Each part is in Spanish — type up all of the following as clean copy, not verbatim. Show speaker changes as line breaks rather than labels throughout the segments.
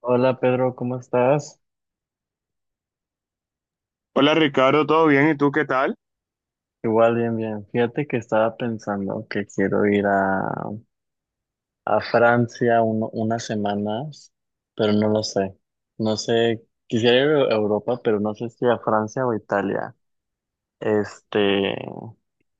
Hola Pedro, ¿cómo estás?
Hola Ricardo, ¿todo bien? ¿Y tú qué tal?
Igual bien, bien. Fíjate que estaba pensando que quiero ir a Francia unas semanas, pero no lo sé. No sé, quisiera ir a Europa, pero no sé si a Francia o Italia. Este,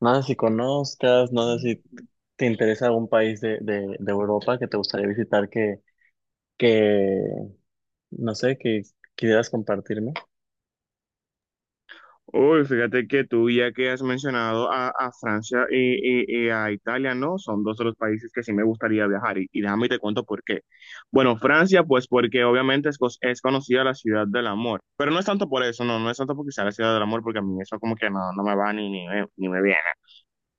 no sé si conozcas, no sé si te interesa algún país de Europa que te gustaría visitar que, no sé, que quisieras compartirme.
Uy, fíjate que tú ya que has mencionado a Francia y a Italia, ¿no? Son dos de los países que sí me gustaría viajar y déjame te cuento por qué. Bueno, Francia, pues porque obviamente es conocida la ciudad del amor, pero no es tanto por eso, no, no es tanto porque sea la ciudad del amor, porque a mí eso como que no, no me va ni me viene.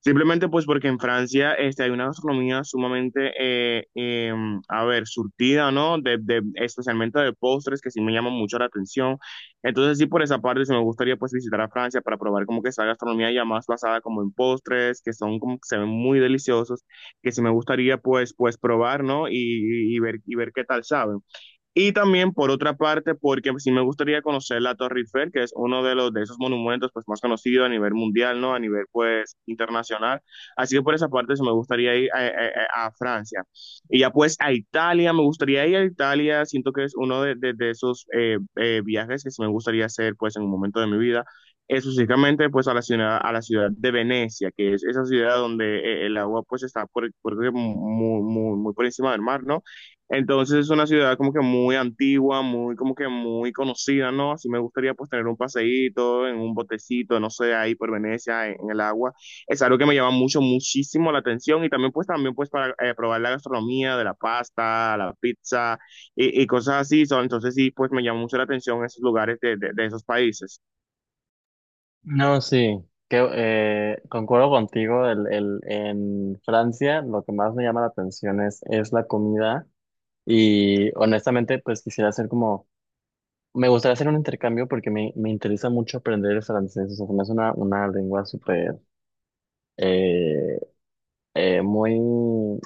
Simplemente pues porque en Francia hay una gastronomía sumamente, a ver, surtida, ¿no? De especialmente de postres que sí me llaman mucho la atención. Entonces sí, por esa parte sí me gustaría pues visitar a Francia para probar como que esa gastronomía ya más basada como en postres, que son como que se ven muy deliciosos, que sí me gustaría pues probar, ¿no? Y ver qué tal saben. Y también, por otra parte, porque sí me gustaría conocer la Torre Eiffel, que es uno de los de esos monumentos pues más conocidos a nivel mundial, ¿no? A nivel pues internacional. Así que por esa parte sí me gustaría ir a Francia. Y ya pues a Italia, me gustaría ir a Italia. Siento que es uno de esos viajes que sí me gustaría hacer pues en un momento de mi vida. Específicamente pues a la ciudad de Venecia, que es esa ciudad donde el agua pues está muy, muy, muy por encima del mar, ¿no? Entonces es una ciudad como que muy antigua, muy como que muy conocida, ¿no? Así me gustaría pues tener un paseíto en un botecito, no sé, ahí por Venecia, en el agua. Es algo que me llama mucho, muchísimo la atención y también pues para probar la gastronomía de la pasta, la pizza y cosas así. Son Entonces sí, pues me llama mucho la atención esos lugares de esos países.
No, sí, que, concuerdo contigo, en Francia lo que más me llama la atención es la comida y honestamente pues quisiera hacer como, me gustaría hacer un intercambio porque me interesa mucho aprender el francés, o sea, se me hace una lengua súper, eh, muy,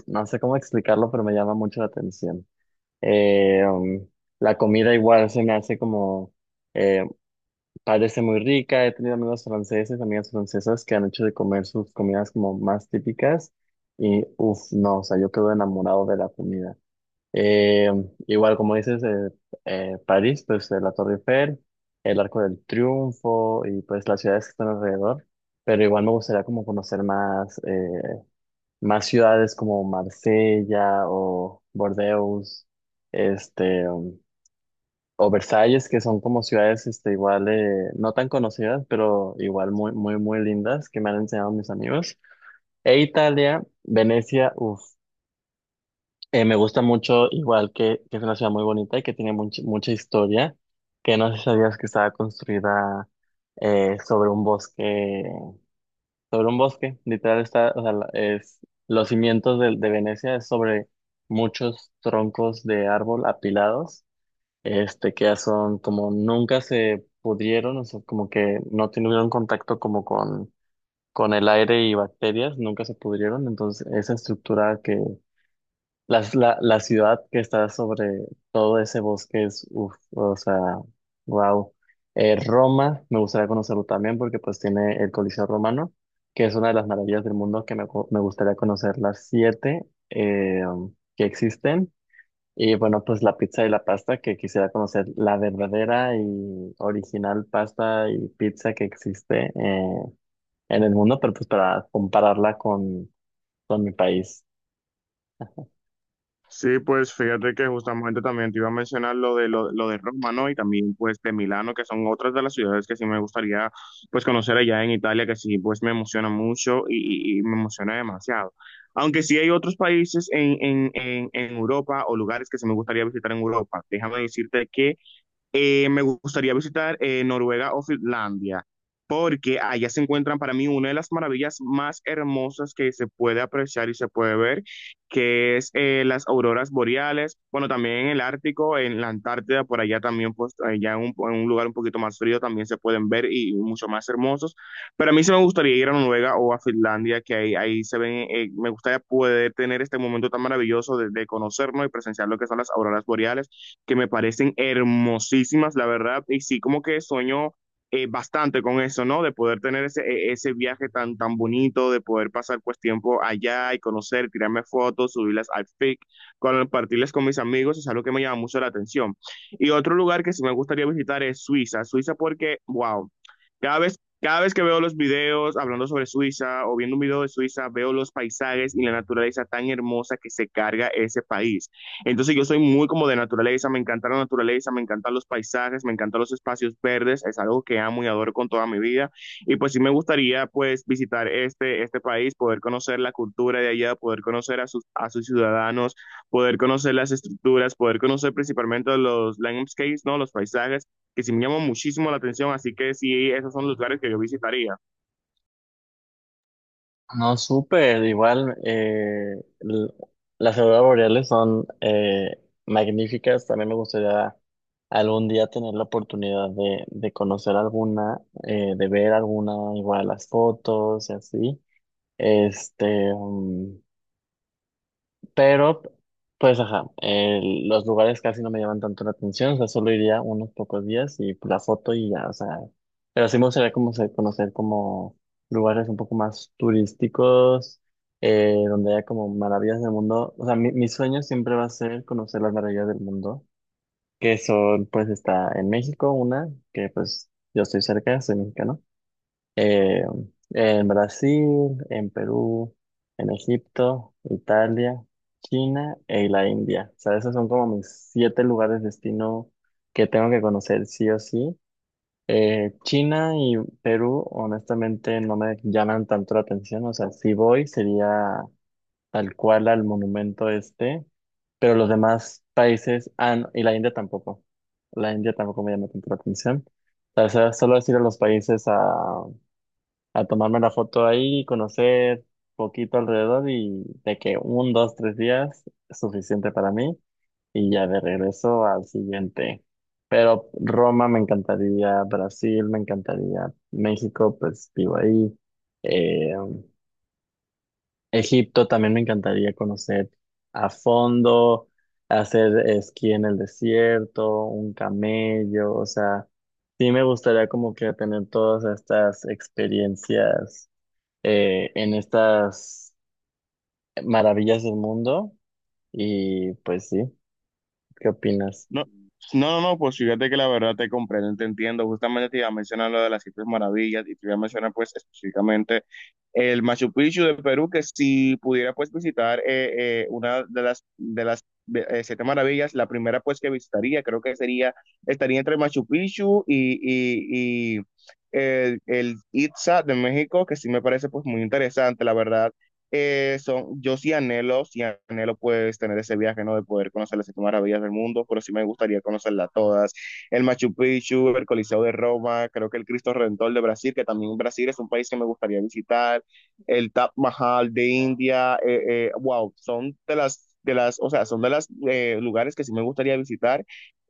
no sé cómo explicarlo, pero me llama mucho la atención. Eh, um, la comida igual se me hace como... eh, parece muy rica. He tenido amigos franceses, amigas francesas que han hecho de comer sus comidas como más típicas. Y uff, no, o sea, yo quedo enamorado de la comida. Eh, igual, como dices, París, pues la Torre Eiffel, el Arco del Triunfo y pues las ciudades que están alrededor. Pero igual me gustaría como conocer más, más ciudades como Marsella o Bordeaux, este. um, o Versalles, que son como ciudades este, igual, no tan conocidas, pero igual muy, muy, muy lindas, que me han enseñado mis amigos. E Italia, Venecia, uff, me gusta mucho, igual que es una ciudad muy bonita y que tiene mucha historia, que no sé si sabías que estaba construida eh, sobre un bosque, sobre un bosque, literal está, o sea, es, los cimientos de Venecia es sobre muchos troncos de árbol apilados este, que ya son como nunca se pudieron, o sea, como que no tuvieron contacto con el aire y bacterias, nunca se pudrieron, entonces esa estructura que, la ciudad que está sobre todo ese bosque es, uff, o sea, wow. Roma, me gustaría conocerlo también porque pues tiene el Coliseo Romano, que es una de las maravillas del mundo que me gustaría conocer las siete que existen y bueno, pues la pizza y la pasta, que quisiera conocer la verdadera y original pasta y pizza que existe en el mundo, pero pues para compararla con mi país.
Sí, pues fíjate que justamente también te iba a mencionar lo de Roma, ¿no? Y también pues de Milano, que son otras de las ciudades que sí me gustaría pues conocer allá en Italia, que sí pues me emociona mucho y me emociona demasiado. Aunque sí hay otros países en Europa o lugares que sí me gustaría visitar en Europa. Déjame decirte que me gustaría visitar Noruega o Finlandia, porque allá se encuentran para mí una de las maravillas más hermosas que se puede apreciar y se puede ver, que es las auroras boreales, bueno, también en el Ártico, en la Antártida, por allá también, pues allá en un lugar un poquito más frío también se pueden ver y mucho más hermosos, pero a mí sí me gustaría ir a Noruega o a Finlandia, que ahí se ven, me gustaría poder tener este momento tan maravilloso de conocernos y presenciar lo que son las auroras boreales que me parecen hermosísimas, la verdad, y sí, como que sueño bastante con eso, ¿no? De poder tener ese viaje tan, tan bonito, de poder pasar pues tiempo allá y conocer, tirarme fotos, subirlas al FIC, compartirlas con mis amigos, es algo que me llama mucho la atención. Y otro lugar que sí me gustaría visitar es Suiza, Suiza porque, wow, cada vez que veo los videos hablando sobre Suiza o viendo un video de Suiza, veo los paisajes y la naturaleza tan hermosa que se carga ese país. Entonces yo soy muy como de naturaleza, me encanta la naturaleza, me encantan los paisajes, me encantan los espacios verdes, es algo que amo y adoro con toda mi vida. Y pues sí me gustaría pues visitar este país, poder conocer la cultura de allá, poder conocer a sus ciudadanos, poder conocer las estructuras, poder conocer principalmente los landscapes, ¿no? Los paisajes, que sí me llaman muchísimo la atención, así que sí, esos son los lugares que yo visitaría.
No, súper, l- las auroras boreales son magníficas, también me gustaría algún día tener la oportunidad de conocer alguna, de ver alguna, igual las fotos y así. Este, pero, pues, ajá, los lugares casi no me llaman tanto la atención, o sea, solo iría unos pocos días y pues, la foto y ya, o sea, pero sí me gustaría como conocer como lugares un poco más turísticos, donde haya como maravillas del mundo, o sea, mi sueño siempre va a ser conocer las maravillas del mundo, que son, pues, está en México una, que pues yo estoy cerca, soy mexicano, eh, en Brasil, en Perú, en Egipto, Italia, China y la India. O sea, esos son como mis siete lugares destino que tengo que conocer sí o sí. China y Perú, honestamente, no me llaman tanto la atención. O sea, si voy sería tal cual al monumento este, pero los demás países, ah, no, y la India tampoco. La India tampoco me llama tanto la atención. O sea, solo es ir a los países a tomarme la foto ahí, conocer poquito alrededor y de que un, dos, 3 días es suficiente para mí y ya de regreso al siguiente. Pero Roma me encantaría, Brasil me encantaría, México pues vivo ahí, eh, Egipto también me encantaría conocer a fondo, hacer esquí en el desierto, un camello, o sea, sí me gustaría como que tener todas estas experiencias en estas maravillas del mundo. Y pues sí, ¿qué opinas?
No, no, no, no, pues fíjate que la verdad te comprendo, te entiendo. Justamente te iba a mencionar lo de las siete maravillas y te iba a mencionar pues específicamente el Machu Picchu de Perú, que si pudiera pues visitar una de las siete maravillas, la primera pues que visitaría, creo que sería, estaría entre Machu Picchu y el Itza de México, que sí me parece pues muy interesante, la verdad yo sí anhelo pues tener ese viaje, ¿no? De poder conocer las siete maravillas del mundo, pero sí me gustaría conocerlas todas. El Machu Picchu, el Coliseo de Roma, creo que el Cristo Redentor de Brasil, que también Brasil es un país que me gustaría visitar, el Taj Mahal de India, wow, son de las, o sea, son de los lugares que sí me gustaría visitar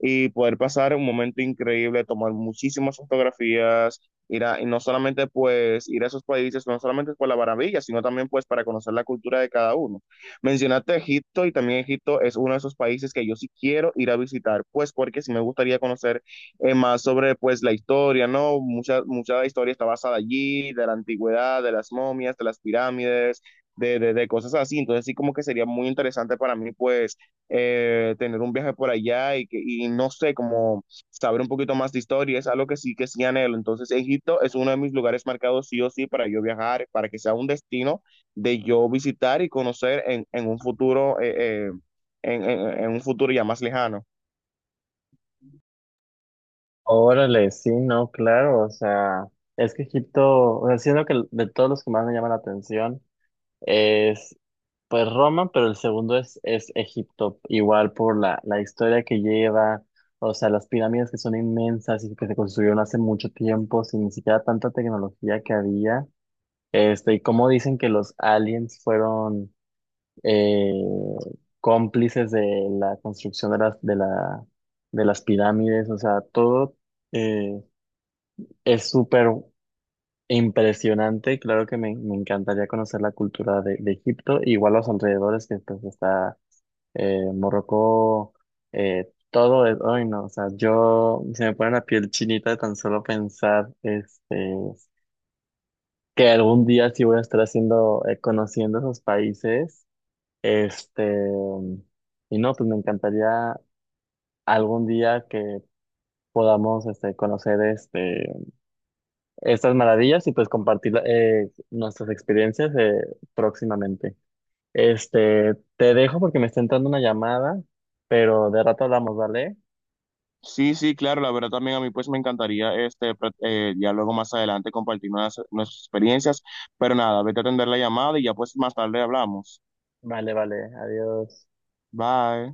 y poder pasar un momento increíble, tomar muchísimas fotografías, y no solamente pues ir a esos países, no solamente por la maravilla, sino también pues para conocer la cultura de cada uno. Mencionaste Egipto y también Egipto es uno de esos países que yo sí quiero ir a visitar, pues porque sí me gustaría conocer más sobre pues la historia, ¿no? Mucha, mucha historia está basada allí, de la antigüedad, de las momias, de las pirámides, cosas así. Entonces sí como que sería muy interesante para mí pues tener un viaje por allá y no sé, como saber un poquito más de historia, es algo que sí anhelo. Entonces, Egipto es uno de mis lugares marcados sí o sí para yo viajar, para que sea un destino de yo visitar y conocer en un futuro, en un futuro ya más lejano.
Órale, sí, no, claro, o sea, es que Egipto, o sea, siendo que de todos los que más me llaman la atención es pues Roma, pero el segundo es Egipto, igual por la historia que lleva, o sea, las pirámides que son inmensas y que se construyeron hace mucho tiempo sin ni siquiera tanta tecnología que había, este, y cómo dicen que los aliens fueron eh, cómplices de la construcción de de las pirámides, o sea, todo eh, es súper impresionante y claro que me encantaría conocer la cultura de Egipto, igual los alrededores que pues está Morocco, todo es, ay no, o sea, yo se me pone la piel chinita de tan solo pensar, este... que algún día sí voy a estar haciendo, conociendo esos países. Este, y no, pues me encantaría algún día que podamos este, conocer este, estas maravillas y pues compartir nuestras experiencias próximamente. Este, te dejo porque me está entrando una llamada, pero de rato hablamos, ¿vale?
Sí, sí, claro, la verdad también a mí pues me encantaría ya luego más adelante compartir nuestras experiencias, pero nada, vete a atender la llamada y ya pues más tarde hablamos.
Vale, vale, adiós.
Bye.